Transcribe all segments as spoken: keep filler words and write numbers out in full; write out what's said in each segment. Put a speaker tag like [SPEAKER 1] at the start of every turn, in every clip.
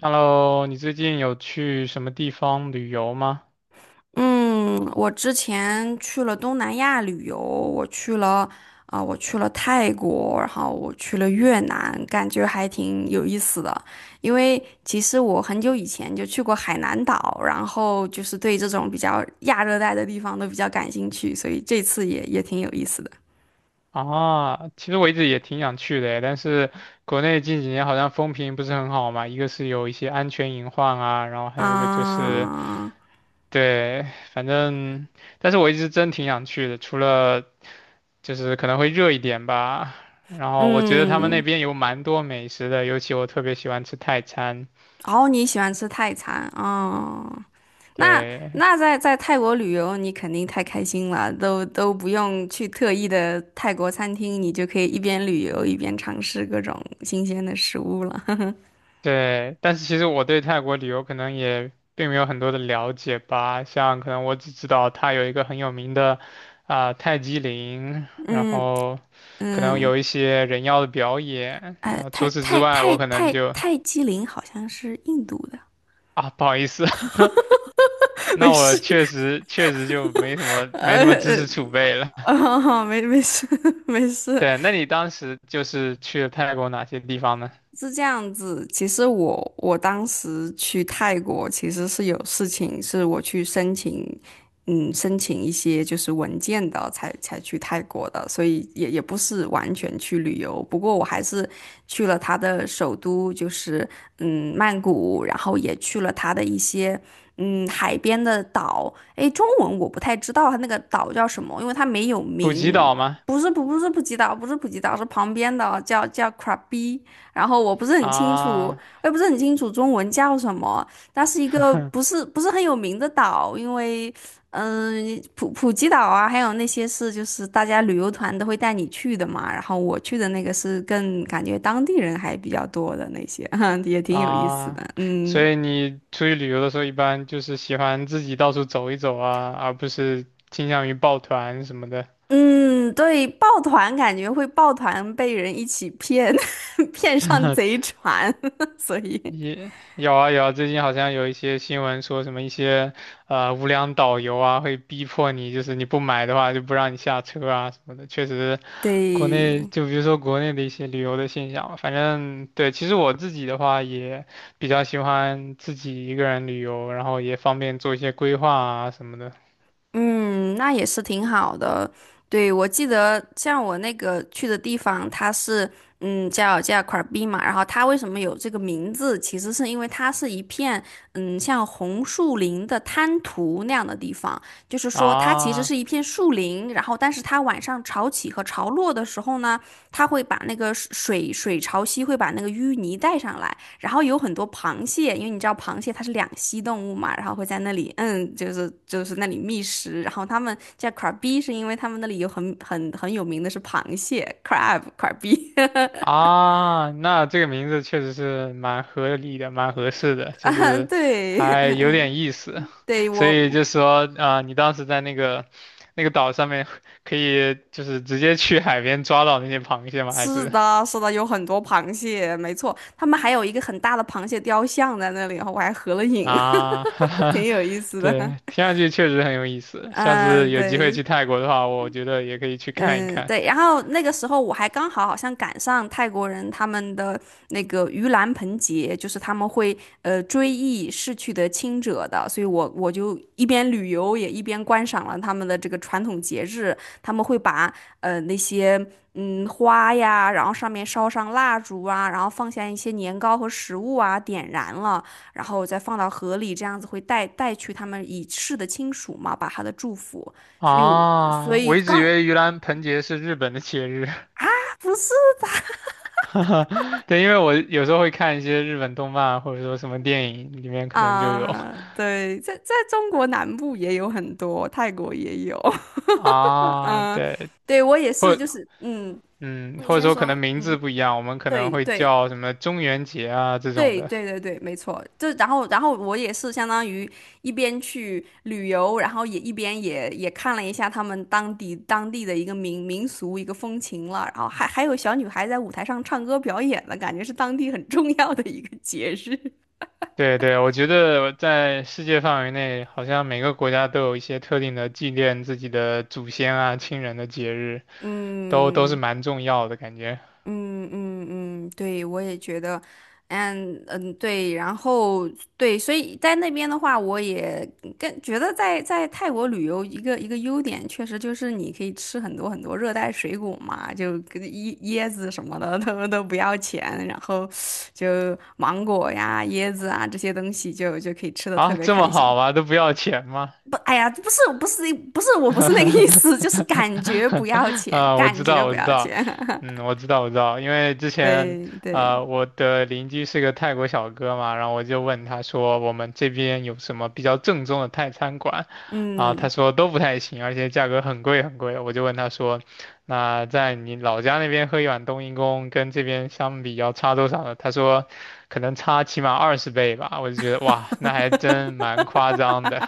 [SPEAKER 1] Hello，你最近有去什么地方旅游吗？
[SPEAKER 2] 嗯，我之前去了东南亚旅游，我去了啊、我去了泰国，然后我去了越南，感觉还挺有意思的。因为其实我很久以前就去过海南岛，然后就是对这种比较亚热带的地方都比较感兴趣，所以这次也也挺有意思的。
[SPEAKER 1] 啊，其实我一直也挺想去的诶但是国内近几年好像风评不是很好嘛，一个是有一些安全隐患啊，然后还有一个就是，
[SPEAKER 2] 啊、
[SPEAKER 1] 对，反正，但是我一直真挺想去的，除了就是可能会热一点吧，然后我觉得他们那
[SPEAKER 2] 嗯。
[SPEAKER 1] 边有蛮多美食的，尤其我特别喜欢吃泰餐，
[SPEAKER 2] 哦，你喜欢吃泰餐哦？那
[SPEAKER 1] 对，
[SPEAKER 2] 那在在泰国旅游，你肯定太开心了，都都不用去特意的泰国餐厅，你就可以一边旅游一边尝试各种新鲜的食物了。
[SPEAKER 1] 对，但是其实我对泰国旅游可能也并没有很多的了解吧，像可能我只知道它有一个很有名的啊、泰姬陵，然
[SPEAKER 2] 嗯
[SPEAKER 1] 后可能
[SPEAKER 2] 嗯，
[SPEAKER 1] 有一些人妖的表演，
[SPEAKER 2] 哎，
[SPEAKER 1] 然后
[SPEAKER 2] 泰
[SPEAKER 1] 除此之
[SPEAKER 2] 泰
[SPEAKER 1] 外，
[SPEAKER 2] 泰
[SPEAKER 1] 我可能
[SPEAKER 2] 泰
[SPEAKER 1] 就
[SPEAKER 2] 泰姬陵好像是印度的。
[SPEAKER 1] 啊不好意思，那
[SPEAKER 2] 没事。
[SPEAKER 1] 我确实确实就没什么没什么知识储备了。
[SPEAKER 2] 哦，没没事。 没事。
[SPEAKER 1] 对，那你当时就是去了泰国哪些地方呢？
[SPEAKER 2] 是这样子，其实我我当时去泰国其实是有事情，是我去申请。嗯，申请一些就是文件的，才才去泰国的，所以也也不是完全去旅游。不过我还是去了它的首都，就是嗯曼谷，然后也去了它的一些嗯海边的岛。诶，中文我不太知道它那个岛叫什么，因为它没有
[SPEAKER 1] 普吉
[SPEAKER 2] 名。
[SPEAKER 1] 岛吗？
[SPEAKER 2] 不是不不是普吉岛，不是普吉岛，是旁边的叫叫 Krabi。然后我不是很清楚，我
[SPEAKER 1] 啊，
[SPEAKER 2] 也不是很清楚中文叫什么。它是一个 不是不是很有名的岛，因为嗯、普普吉岛啊，还有那些是就是大家旅游团都会带你去的嘛。然后我去的那个是更感觉当地人还比较多的那些，也挺有意思的。
[SPEAKER 1] 啊，
[SPEAKER 2] 嗯
[SPEAKER 1] 所以你出去旅游的时候，一般就是喜欢自己到处走一走啊，而不是倾向于抱团什么的。
[SPEAKER 2] 嗯，对，抱团感觉会抱团被人一起骗，骗上贼 船，所以
[SPEAKER 1] 也有啊有啊，最近好像有一些新闻说什么一些呃无良导游啊，会逼迫你，就是你不买的话就不让你下车啊什么的。确实，国内
[SPEAKER 2] 对。
[SPEAKER 1] 就比如说国内的一些旅游的现象吧，反正对，其实我自己的话也比较喜欢自己一个人旅游，然后也方便做一些规划啊什么的
[SPEAKER 2] 嗯，那也是挺好的。对，我记得像我那个去的地方，它是嗯叫叫 k 尔 a 嘛，然后它为什么有这个名字，其实是因为它是一片嗯像红树林的滩涂那样的地方，就是说它其实
[SPEAKER 1] 啊。
[SPEAKER 2] 是一片树林，然后但是它晚上潮起和潮落的时候呢，它会把那个水水潮汐会把那个淤泥带上来，然后有很多螃蟹，因为你知道螃蟹它是两栖动物嘛，然后会在那里，嗯，就是就是那里觅食。然后他们叫 crabby，是因为他们那里有很很很有名的是螃蟹 crab crabby。
[SPEAKER 1] 啊，那这个名字确实是蛮合理的，蛮合适的，就
[SPEAKER 2] 啊，
[SPEAKER 1] 是
[SPEAKER 2] 对。
[SPEAKER 1] 还有点意思。
[SPEAKER 2] 对，
[SPEAKER 1] 所以
[SPEAKER 2] 我
[SPEAKER 1] 就说啊、呃你当时在那个那个岛上面，可以就是直接去海边抓到那些螃蟹吗？还
[SPEAKER 2] 是
[SPEAKER 1] 是
[SPEAKER 2] 的，是的，有很多螃蟹，没错，他们还有一个很大的螃蟹雕像在那里，然后我还合了影。
[SPEAKER 1] 啊，
[SPEAKER 2] 挺 有意思的。
[SPEAKER 1] 对，听上去确实很有意 思。下次
[SPEAKER 2] 嗯，
[SPEAKER 1] 有机会去
[SPEAKER 2] 对。
[SPEAKER 1] 泰国的话，我觉得也可以去看一
[SPEAKER 2] 嗯，
[SPEAKER 1] 看。
[SPEAKER 2] 对，然后那个时候我还刚好好像赶上泰国人他们的那个盂兰盆节，就是他们会呃追忆逝去的亲者的，所以我我就一边旅游也一边观赏了他们的这个传统节日。他们会把呃那些嗯花呀，然后上面烧上蜡烛啊，然后放下一些年糕和食物啊，点燃了，然后再放到河里，这样子会带带去他们已逝的亲属嘛，把他的祝福。所以我所
[SPEAKER 1] 啊，我
[SPEAKER 2] 以
[SPEAKER 1] 一直以
[SPEAKER 2] 刚
[SPEAKER 1] 为盂兰盆节是日本的节日。
[SPEAKER 2] 不是
[SPEAKER 1] 哈哈，对，因为我有时候会看一些日本动漫，或者说什么电影里面可能就有
[SPEAKER 2] 啊。对，在在中国南部也有很多，泰国也有。
[SPEAKER 1] 啊，
[SPEAKER 2] 嗯、
[SPEAKER 1] 对，
[SPEAKER 2] 对我也是，
[SPEAKER 1] 或
[SPEAKER 2] 就是嗯，
[SPEAKER 1] 嗯，
[SPEAKER 2] 你
[SPEAKER 1] 或者
[SPEAKER 2] 先
[SPEAKER 1] 说可
[SPEAKER 2] 说。
[SPEAKER 1] 能名字
[SPEAKER 2] 嗯，
[SPEAKER 1] 不一样，我们可能
[SPEAKER 2] 对
[SPEAKER 1] 会
[SPEAKER 2] 对
[SPEAKER 1] 叫什么中元节啊这种
[SPEAKER 2] 对
[SPEAKER 1] 的。
[SPEAKER 2] 对对对，没错，就然后然后我也是相当于一边去旅游，然后也一边也也看了一下他们当地当地的一个民民俗一个风情了，然后还还有小女孩在舞台上唱歌表演了，感觉是当地很重要的一个节日。
[SPEAKER 1] 对对，我觉得在世界范围内，好像每个国家都有一些特定的纪念自己的祖先啊、亲人的节日，都都是
[SPEAKER 2] 嗯。
[SPEAKER 1] 蛮重要的感觉。
[SPEAKER 2] 嗯嗯嗯，对，我也觉得。嗯嗯，对，然后对，所以在那边的话，我也跟觉得在在泰国旅游一个一个优点，确实就是你可以吃很多很多热带水果嘛，就跟椰椰子什么的他们都不要钱，然后就芒果呀、椰子啊这些东西就就可以吃的特
[SPEAKER 1] 啊，
[SPEAKER 2] 别
[SPEAKER 1] 这么
[SPEAKER 2] 开心。
[SPEAKER 1] 好吗？都不要钱吗？
[SPEAKER 2] 不，哎呀，不是，不是，不是，我不是那个意 思，就是感觉不要钱，
[SPEAKER 1] 啊，我
[SPEAKER 2] 感
[SPEAKER 1] 知
[SPEAKER 2] 觉
[SPEAKER 1] 道，
[SPEAKER 2] 不
[SPEAKER 1] 我知
[SPEAKER 2] 要
[SPEAKER 1] 道，
[SPEAKER 2] 钱。
[SPEAKER 1] 嗯，我知道，我知道，因为之 前，
[SPEAKER 2] 对对。
[SPEAKER 1] 啊，我的邻居是个泰国小哥嘛，然后我就问他说，我们这边有什么比较正宗的泰餐馆？啊，他
[SPEAKER 2] 嗯。
[SPEAKER 1] 说都不太行，而且价格很贵很贵。我就问他说，那在你老家那边喝一碗冬阴功跟这边相比要差多少呢？他说，可能差起码二十倍吧。我就觉得哇，那还真蛮夸 张的。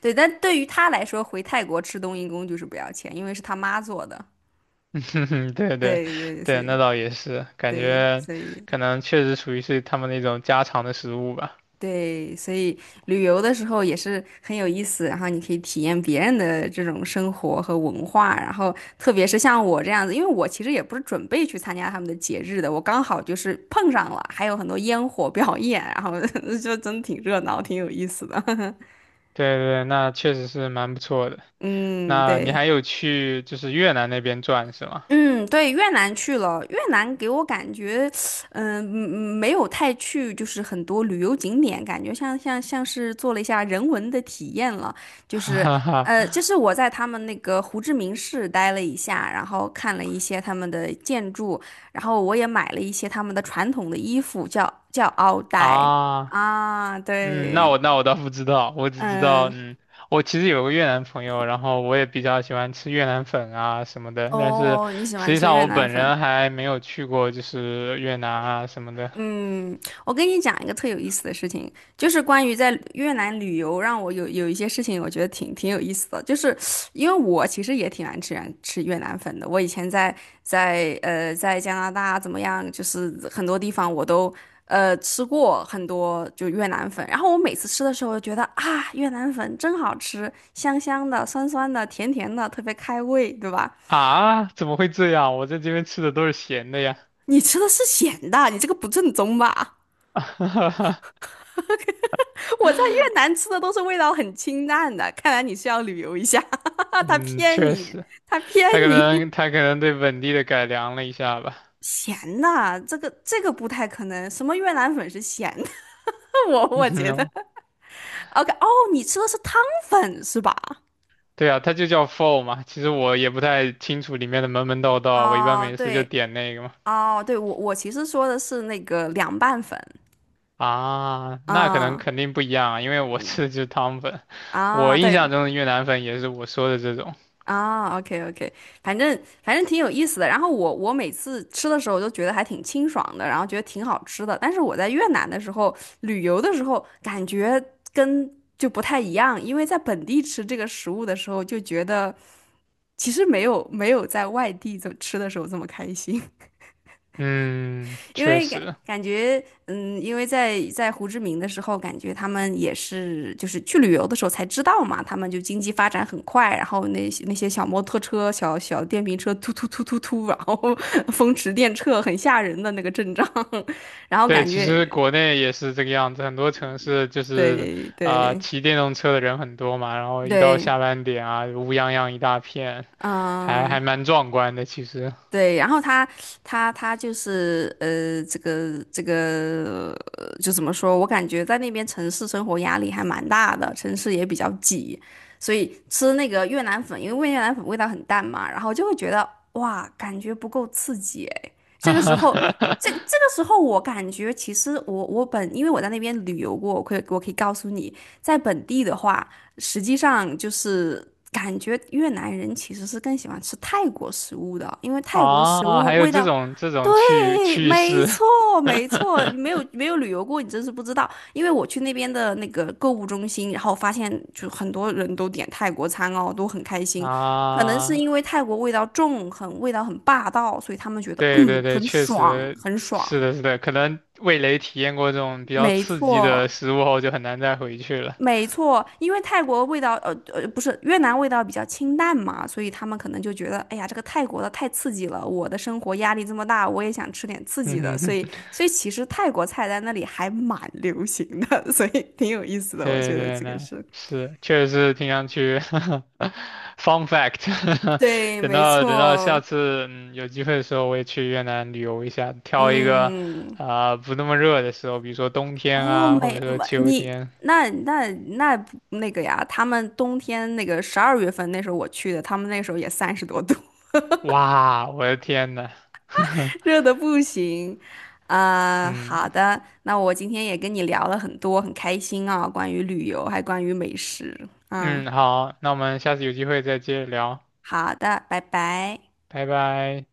[SPEAKER 2] 对，但对于他来说，回泰国吃冬阴功就是不要钱，因为是他妈做的。
[SPEAKER 1] 对对
[SPEAKER 2] 对对，所
[SPEAKER 1] 对，那
[SPEAKER 2] 以
[SPEAKER 1] 倒也是，感
[SPEAKER 2] 对，
[SPEAKER 1] 觉
[SPEAKER 2] 所以
[SPEAKER 1] 可能确实属于是他们那种家常的食物吧。
[SPEAKER 2] 对，所以旅游的时候也是很有意思，然后你可以体验别人的这种生活和文化，然后特别是像我这样子，因为我其实也不是准备去参加他们的节日的，我刚好就是碰上了，还有很多烟火表演，然后 就真挺热闹，挺有意思的。
[SPEAKER 1] 对对，那确实是蛮不错的。
[SPEAKER 2] 嗯，
[SPEAKER 1] 那你
[SPEAKER 2] 对。
[SPEAKER 1] 还有去就是越南那边转是吗？
[SPEAKER 2] 嗯，对，越南去了，越南给我感觉，嗯、嗯没有太去，就是很多旅游景点，感觉像像像是做了一下人文的体验了，就 是，
[SPEAKER 1] 哈哈
[SPEAKER 2] 呃，就是我在他们那个胡志明市待了一下，然后看了一些他们的建筑，然后我也买了一些他们的传统的衣服，叫叫奥黛
[SPEAKER 1] 啊，
[SPEAKER 2] 啊，
[SPEAKER 1] 嗯，那
[SPEAKER 2] 对，
[SPEAKER 1] 我那我倒不知道，我只知道，
[SPEAKER 2] 嗯。
[SPEAKER 1] 嗯，我其实有个越南朋友，然后我也比较喜欢吃越南粉啊什么的，但是
[SPEAKER 2] 哦，你喜
[SPEAKER 1] 实
[SPEAKER 2] 欢
[SPEAKER 1] 际
[SPEAKER 2] 吃
[SPEAKER 1] 上
[SPEAKER 2] 越
[SPEAKER 1] 我
[SPEAKER 2] 南
[SPEAKER 1] 本
[SPEAKER 2] 粉？
[SPEAKER 1] 人还没有去过，就是越南啊什么的。
[SPEAKER 2] 嗯，我跟你讲一个特有意思的事情，就是关于在越南旅游，让我有有一些事情，我觉得挺挺有意思的，就是因为我其实也挺爱吃越吃越南粉的，我以前在在呃在加拿大怎么样，就是很多地方我都呃吃过很多就越南粉，然后我每次吃的时候，我就觉得啊越南粉真好吃，香香的、酸酸的、甜甜的，特别开胃，对吧？
[SPEAKER 1] 啊，怎么会这样？我在这边吃的都是咸的呀。
[SPEAKER 2] 你吃的是咸的，你这个不正宗吧？我在越南吃的都是味道很清淡的，看来你是要旅游一下。他
[SPEAKER 1] 嗯，
[SPEAKER 2] 骗
[SPEAKER 1] 确
[SPEAKER 2] 你，
[SPEAKER 1] 实，
[SPEAKER 2] 他骗
[SPEAKER 1] 他可
[SPEAKER 2] 你。
[SPEAKER 1] 能他可能对本地的改良了一下吧。
[SPEAKER 2] 咸的，这个这个不太可能。什么越南粉是咸的？我我 觉得
[SPEAKER 1] 嗯，
[SPEAKER 2] ，OK，哦，你吃的是汤粉是吧？
[SPEAKER 1] 对啊，他就叫 f h o 嘛。其实我也不太清楚里面的门门道道，我一般
[SPEAKER 2] 哦，
[SPEAKER 1] 每次就
[SPEAKER 2] 对。
[SPEAKER 1] 点那个嘛。
[SPEAKER 2] 哦，对，我我其实说的是那个凉拌粉。
[SPEAKER 1] 啊，那可能
[SPEAKER 2] 啊，
[SPEAKER 1] 肯定不一样啊，因为我
[SPEAKER 2] 嗯，
[SPEAKER 1] 吃的就是汤粉。我
[SPEAKER 2] 啊，
[SPEAKER 1] 印
[SPEAKER 2] 对，
[SPEAKER 1] 象中的越南粉也是我说的这种。
[SPEAKER 2] 啊，OK OK，反正反正挺有意思的。然后我我每次吃的时候都觉得还挺清爽的，然后觉得挺好吃的。但是我在越南的时候旅游的时候，感觉跟就不太一样，因为在本地吃这个食物的时候，就觉得其实没有没有在外地这么吃的时候这么开心。
[SPEAKER 1] 嗯，
[SPEAKER 2] 因
[SPEAKER 1] 确
[SPEAKER 2] 为感
[SPEAKER 1] 实。
[SPEAKER 2] 感觉，嗯，因为在在胡志明的时候，感觉他们也是就是去旅游的时候才知道嘛，他们就经济发展很快，然后那些那些小摩托车、小小电瓶车突突突突突，然后 风驰电掣，很吓人的那个阵仗。然后
[SPEAKER 1] 对，
[SPEAKER 2] 感
[SPEAKER 1] 其
[SPEAKER 2] 觉，
[SPEAKER 1] 实国内也是这个样子，很多城市就是
[SPEAKER 2] 对
[SPEAKER 1] 啊、呃
[SPEAKER 2] 对
[SPEAKER 1] 骑电动车的人很多嘛，然后一到
[SPEAKER 2] 对，
[SPEAKER 1] 下班点啊，乌泱泱一大片，还
[SPEAKER 2] 嗯、
[SPEAKER 1] 还蛮壮观的，其实。
[SPEAKER 2] 对，然后他他他就是呃，这个这个呃就怎么说？我感觉在那边城市生活压力还蛮大的，城市也比较挤，所以吃那个越南粉，因为越南粉味道很淡嘛，然后就会觉得哇，感觉不够刺激哎。这个时候，这这个 时候我感觉其实我我本因为我在那边旅游过，我可以我可以告诉你，在本地的话。实际上就是感觉越南人其实是更喜欢吃泰国食物的，因为泰国食
[SPEAKER 1] 啊，还
[SPEAKER 2] 物
[SPEAKER 1] 有
[SPEAKER 2] 味
[SPEAKER 1] 这
[SPEAKER 2] 道，
[SPEAKER 1] 种这种趣
[SPEAKER 2] 对，
[SPEAKER 1] 趣
[SPEAKER 2] 没
[SPEAKER 1] 事
[SPEAKER 2] 错，没错，没 有没有旅游过，你真是不知道。因为我去那边的那个购物中心，然后发现就很多人都点泰国餐哦，都很开心。可能是
[SPEAKER 1] 啊，
[SPEAKER 2] 因为泰国味道重，很味道很霸道，所以他们觉得
[SPEAKER 1] 对对
[SPEAKER 2] 嗯
[SPEAKER 1] 对，
[SPEAKER 2] 很
[SPEAKER 1] 确
[SPEAKER 2] 爽，
[SPEAKER 1] 实
[SPEAKER 2] 很
[SPEAKER 1] 是
[SPEAKER 2] 爽。
[SPEAKER 1] 的，是的，可能味蕾体验过这种比较
[SPEAKER 2] 没
[SPEAKER 1] 刺激
[SPEAKER 2] 错，
[SPEAKER 1] 的食物后，就很难再回去了。
[SPEAKER 2] 没 错，因为泰国味道，呃呃，不是越南味道比较清淡嘛，所以他们可能就觉得，哎呀，这个泰国的太刺激了，我的生活压力这么大，我也想吃点刺激的，
[SPEAKER 1] 嗯
[SPEAKER 2] 所
[SPEAKER 1] 哼
[SPEAKER 2] 以，所以其实泰国菜在那里还蛮流行的，所以挺有意思的，我
[SPEAKER 1] 对对
[SPEAKER 2] 觉得
[SPEAKER 1] 对，
[SPEAKER 2] 这个
[SPEAKER 1] 那
[SPEAKER 2] 是。
[SPEAKER 1] 是，确实是挺想去 ，fun fact
[SPEAKER 2] 对，
[SPEAKER 1] 等
[SPEAKER 2] 没
[SPEAKER 1] 到等到
[SPEAKER 2] 错，
[SPEAKER 1] 下次嗯有机会的时候，我也去越南旅游一下，挑一个
[SPEAKER 2] 嗯。
[SPEAKER 1] 啊、不那么热的时候，比如说冬天
[SPEAKER 2] 哦，
[SPEAKER 1] 啊，或
[SPEAKER 2] 没，
[SPEAKER 1] 者说
[SPEAKER 2] 没
[SPEAKER 1] 秋
[SPEAKER 2] 你
[SPEAKER 1] 天。
[SPEAKER 2] 那那那不那个呀，他们冬天那个十二月份那时候我去的，他们那时候也三十多度。
[SPEAKER 1] 哇，我的天呐，
[SPEAKER 2] 热的不行。啊、好
[SPEAKER 1] 嗯
[SPEAKER 2] 的，那我今天也跟你聊了很多，很开心啊、关于旅游，还关于美食。嗯，
[SPEAKER 1] 嗯，好，那我们下次有机会再接着聊，
[SPEAKER 2] 好的，拜拜。
[SPEAKER 1] 拜拜。